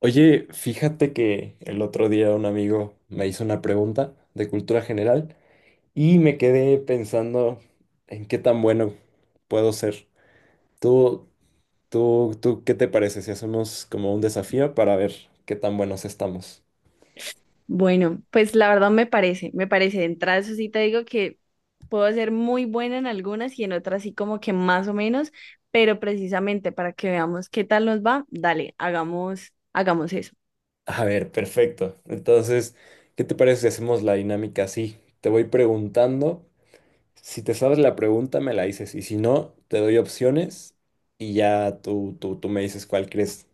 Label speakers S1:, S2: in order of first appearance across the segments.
S1: Oye, fíjate que el otro día un amigo me hizo una pregunta de cultura general y me quedé pensando en qué tan bueno puedo ser. Tú, tú, ¿qué te parece si hacemos como un desafío para ver qué tan buenos estamos?
S2: Bueno, pues la verdad me parece. De entrada, eso sí te digo que puedo ser muy buena en algunas y en otras sí como que más o menos, pero precisamente para que veamos qué tal nos va, dale, hagamos eso.
S1: A ver, perfecto. Entonces, ¿qué te parece si hacemos la dinámica así? Te voy preguntando, si te sabes la pregunta me la dices y si no, te doy opciones y ya tú me dices cuál crees,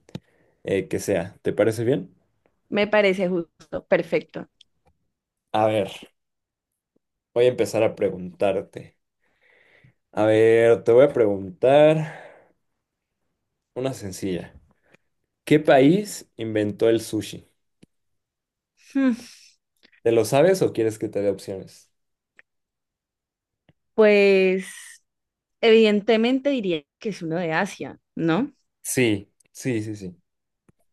S1: que sea. ¿Te parece bien?
S2: Me parece justo, perfecto.
S1: A ver, voy a empezar a preguntarte. A ver, te voy a preguntar una sencilla. ¿Qué país inventó el sushi?
S2: Hmm,
S1: ¿Te lo sabes o quieres que te dé opciones?
S2: Pues evidentemente diría que es uno de Asia, ¿no?
S1: Sí, sí, sí, sí.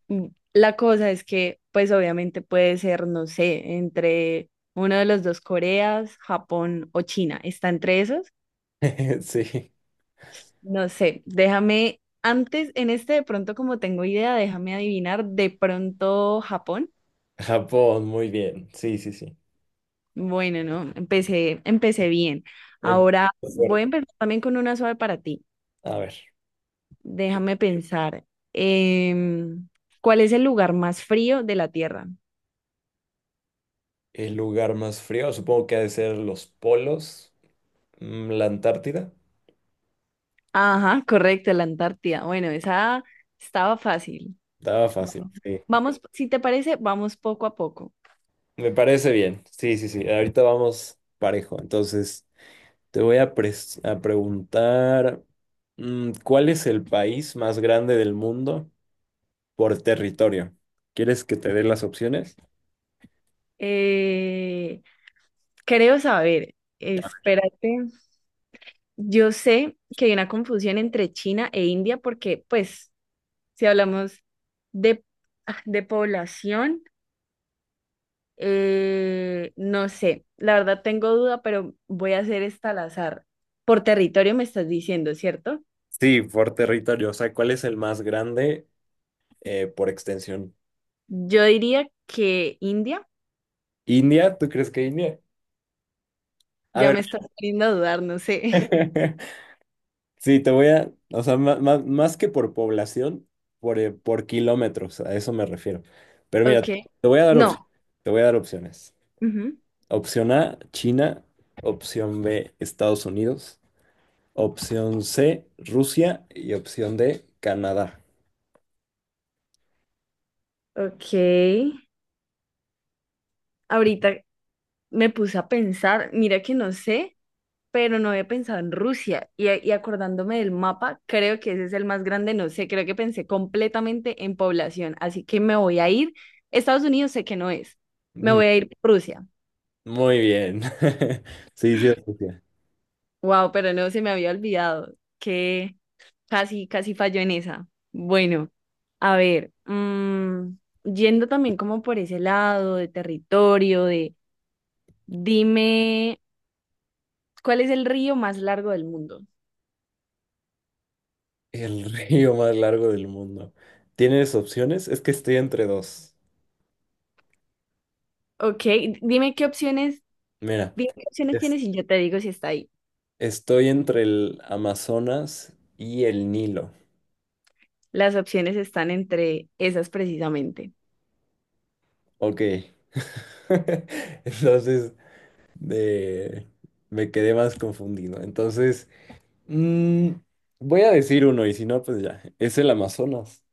S2: Mm, la cosa es que, pues obviamente puede ser, no sé, entre uno de los dos Coreas, Japón o China. ¿Está entre esos?
S1: Sí,
S2: No sé, déjame, antes, en este de pronto como tengo idea, déjame adivinar, de pronto Japón.
S1: Japón, muy bien. Sí, sí, sí.
S2: Bueno, no, empecé bien.
S1: Em-
S2: Ahora voy
S1: fuerte.
S2: a empezar también con una suave para ti.
S1: A ver,
S2: Déjame pensar, em, ¿cuál es el lugar más frío de la Tierra?
S1: el lugar más frío supongo que ha de ser los polos, la Antártida.
S2: Ajá, correcto, la Antártida. Bueno, esa estaba fácil.
S1: Estaba fácil,
S2: Vamos,
S1: sí.
S2: vamos, si te parece, vamos poco a poco.
S1: Me parece bien. Sí, sí, sí. Ahorita vamos parejo. Entonces, te voy a preguntar, ¿cuál es el país más grande del mundo por territorio? ¿Quieres que te dé las opciones?
S2: Eh, creo saber, espérate. Yo sé que hay una confusión entre China e India porque, pues, si hablamos de, de población, no sé, la verdad tengo duda, pero voy a hacer esta al azar. Por territorio me estás diciendo, ¿cierto?
S1: Sí, por territorio. O sea, ¿cuál es el más grande, por extensión?
S2: Yo diría que India,
S1: ¿India? ¿Tú crees que India? A
S2: ya
S1: ver.
S2: me estás poniendo a dudar, no sé.
S1: Sí, te voy a, o sea, más, que por población, por kilómetros, a eso me refiero. Pero mira,
S2: Ok,
S1: te voy a dar opciones.
S2: no.
S1: Te voy a dar opciones.
S2: Ujú.
S1: Opción A, China. Opción B, Estados Unidos. Opción C, Rusia. Y opción D, Canadá.
S2: Ok, ahorita me puse a pensar, mira que no sé, pero no había pensado en Rusia. Y acordándome del mapa, creo que ese es el más grande, no sé, creo que pensé completamente en población, así que me voy a ir. Estados Unidos sé que no es, me
S1: Mm,
S2: voy a ir por Rusia.
S1: Muy bien. Sí, sí, es Rusia.
S2: Wow, pero no, se me había olvidado que casi, casi falló en esa. Bueno, a ver, yendo también como por ese lado de territorio, de dime, ¿cuál es el río más largo del mundo?
S1: El río más largo del mundo. ¿Tienes opciones? Es que estoy entre dos.
S2: Ok, dime qué opciones
S1: Mira,
S2: Dime qué opciones
S1: es-
S2: tienes y yo te digo si está ahí.
S1: estoy entre el Amazonas y el Nilo.
S2: Las opciones están entre esas precisamente.
S1: Ok. Entonces, de- me quedé más confundido. Entonces, mm, voy a decir uno y si no, pues ya. Es el Amazonas.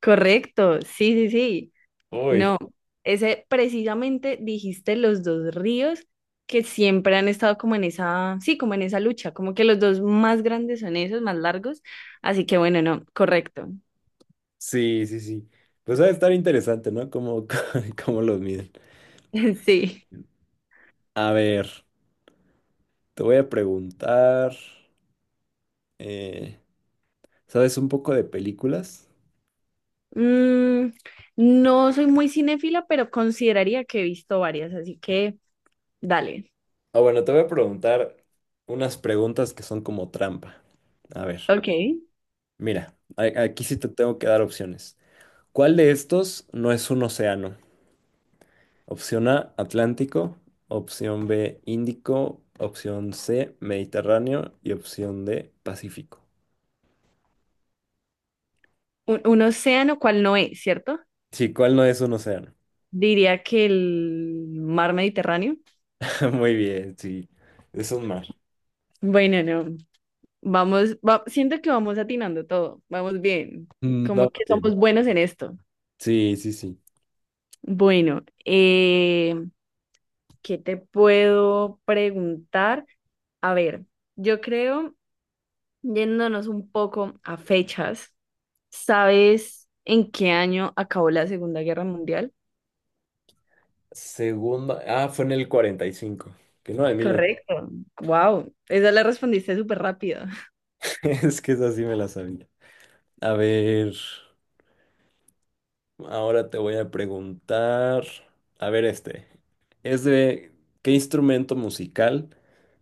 S2: Correcto, sí, sí, sí.
S1: Uy.
S2: No, ese precisamente dijiste los dos ríos que siempre han estado como en esa, sí, como en esa lucha, como que los dos más grandes son esos, más largos. Así que bueno, no, correcto.
S1: Sí, sí, sí. Pues va a estar interesante, ¿no? Cómo, cómo los miden.
S2: Sí.
S1: A ver, te voy a preguntar, eh, ¿sabes un poco de películas?
S2: Mm, no soy muy cinéfila, pero consideraría que he visto varias, así que dale.
S1: Ah, bueno, te voy a preguntar unas preguntas que son como trampa. A ver,
S2: Ok.
S1: mira, aquí sí te tengo que dar opciones. ¿Cuál de estos no es un océano? Opción A, Atlántico. Opción B, Índico. Opción C, Mediterráneo. Y opción D, Pacífico.
S2: Un océano, ¿cuál no es, cierto?
S1: Sí, ¿cuál no es un océano?
S2: Diría que el mar Mediterráneo.
S1: Muy bien, sí. Es un mar.
S2: Bueno, no. Vamos, siento que vamos atinando todo. Vamos bien. Como
S1: Vamos
S2: que
S1: bien.
S2: somos buenos en esto.
S1: Sí, sí, sí.
S2: Bueno, ¿qué te puedo preguntar? A ver, yo creo, yéndonos un poco a fechas, ¿sabes en qué año acabó la Segunda Guerra Mundial?
S1: Segundo. Ah, fue en el 45, que no, en 1900.
S2: Correcto. Wow, esa la respondiste súper rápido.
S1: Es que esa sí me la sabía. A ver. Ahora te voy a preguntar. A ver, este. Es de. ¿Qué instrumento musical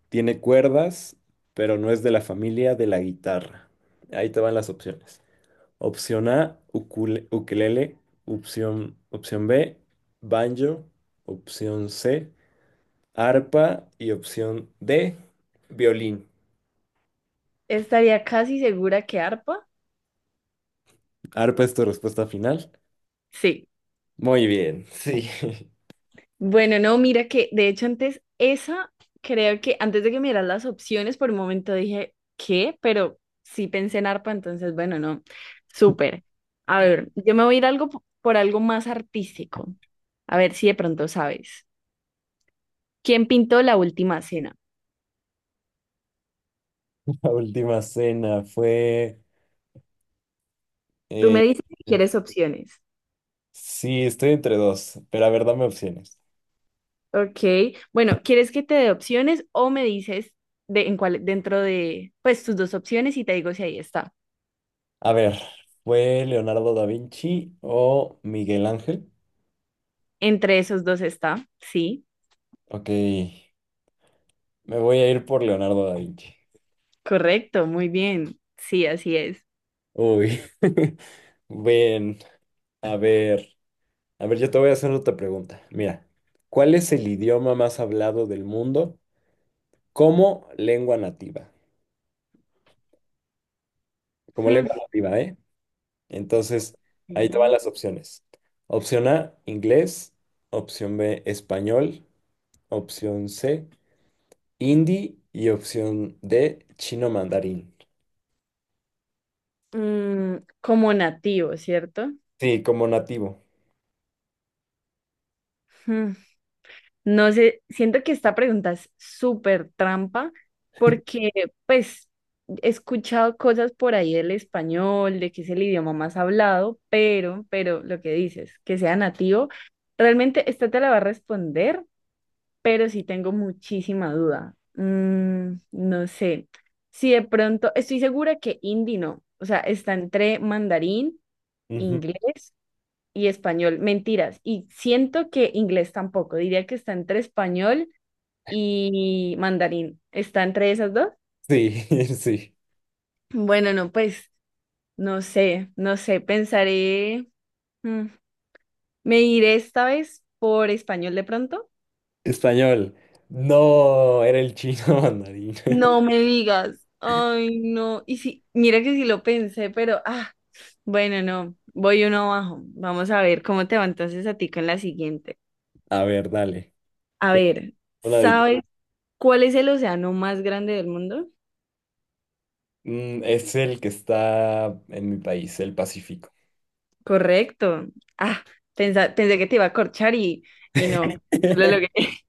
S1: tiene cuerdas, pero no es de la familia de la guitarra? Ahí te van las opciones. Opción A, ukelele. Opción B, banjo. Opción C, arpa. Y opción D, violín.
S2: Estaría casi segura que arpa.
S1: ¿Arpa es tu respuesta final?
S2: Sí.
S1: Muy bien, sí.
S2: Bueno, no, mira que de hecho antes esa, creo que antes de que miras las opciones, por un momento dije, ¿qué? Pero sí pensé en arpa, entonces bueno, no, súper. A ver, yo me voy a ir algo por algo más artístico. A ver si de pronto sabes. ¿Quién pintó la última cena?
S1: La última cena fue,
S2: Tú me
S1: eh,
S2: dices si quieres opciones.
S1: sí, estoy entre dos, pero a ver, dame opciones.
S2: Ok, bueno, ¿quieres que te dé opciones o me dices de, en cuál, dentro de, pues, tus dos opciones y te digo si ahí está?
S1: A ver, ¿fue Leonardo da Vinci o Miguel Ángel?
S2: Entre esos dos está, sí.
S1: Ok, me voy a ir por Leonardo da Vinci.
S2: Correcto, muy bien. Sí, así es.
S1: Uy, bien, a ver, a ver, yo te voy a hacer otra pregunta. Mira, ¿cuál es el idioma más hablado del mundo, como lengua nativa, como
S2: Hmm.
S1: lengua nativa, eh? Entonces, ahí te van
S2: Ok.
S1: las opciones. Opción A, inglés. Opción B, español. Opción C, hindi. Y opción D, chino mandarín.
S2: Mm, como nativo, ¿cierto?
S1: Sí, como nativo.
S2: Hmm. No sé, siento que esta pregunta es súper trampa porque pues he escuchado cosas por ahí del español, de que es el idioma más hablado, pero lo que dices, que sea nativo, realmente esta te la va a responder pero sí tengo muchísima duda. Mm, no sé. Si de pronto, estoy segura que hindi no. O sea, está entre mandarín,
S1: Ujú.
S2: inglés y español. Mentiras. Y siento que inglés tampoco. Diría que está entre español y mandarín. ¿Está entre esas dos?
S1: Sí, sí.
S2: Bueno, no, pues no sé, no sé. Pensaré. mm, me iré esta vez por español de pronto.
S1: ¿Español? No, era el chino mandarín.
S2: No me digas. Ay, no. Y sí, mira que sí lo pensé, pero ah, bueno, no. Voy uno abajo. Vamos a ver cómo te va entonces a ti con la siguiente.
S1: A ver, dale.
S2: A ver,
S1: Una de-
S2: ¿sabes cuál es el océano más grande del mundo?
S1: Es el que está en mi país, el Pacífico.
S2: Correcto. Ah, pensé que te iba a corchar y no, no lo logré.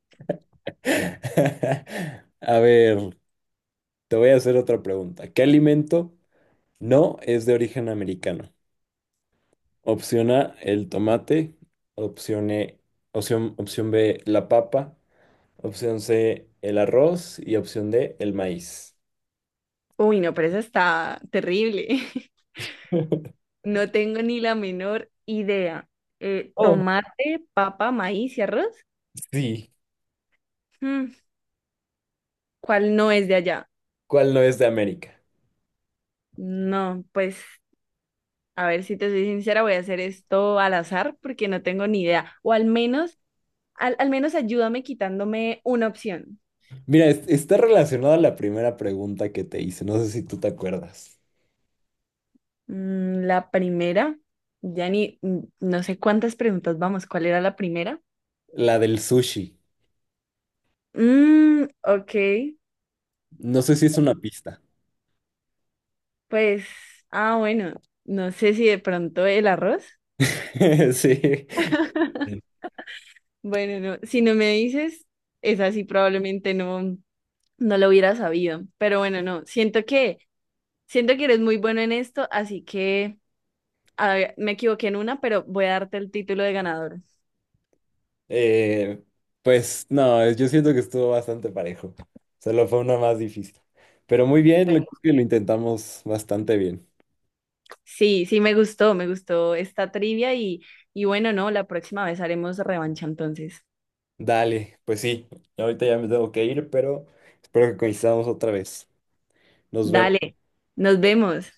S1: A ver. Te voy a hacer otra pregunta. ¿Qué alimento no es de origen americano? Opción A, el tomate. Opción E- opción B, la papa. Opción C, el arroz. Y opción D, el maíz.
S2: Uy, no, pero esa está terrible. No tengo ni la menor idea.
S1: Oh,
S2: Tomate, papa, maíz y arroz.
S1: sí.
S2: Mm, ¿cuál no es de allá?
S1: ¿Cuál no es de América?
S2: No, pues a ver si te soy sincera, voy a hacer esto al azar porque no tengo ni idea. O al menos, al menos ayúdame quitándome una opción.
S1: Mira, está relacionada a la primera pregunta que te hice. No sé si tú te acuerdas.
S2: Mm, la primera, ya ni, mm, no sé cuántas preguntas vamos, ¿cuál era la primera?
S1: La del sushi.
S2: Mm, ok,
S1: No sé si es una pista.
S2: pues, ah, bueno, no sé si de pronto el arroz.
S1: Sí.
S2: Bueno, no, si no me dices, es así, probablemente no, no lo hubiera sabido. Pero bueno, no, siento que eres muy bueno en esto, así que... A ver, me equivoqué en una, pero voy a darte el título de ganador.
S1: Eh, pues no, yo siento que estuvo bastante parejo. Solo fue una más difícil. Pero muy bien,
S2: Bueno,
S1: creo que lo intentamos bastante bien.
S2: sí, sí, me gustó esta trivia y bueno, no, la próxima vez haremos revancha entonces.
S1: Dale, pues sí, ahorita ya me tengo que ir, pero espero que coincidamos otra vez. Nos vemos.
S2: Dale, nos vemos.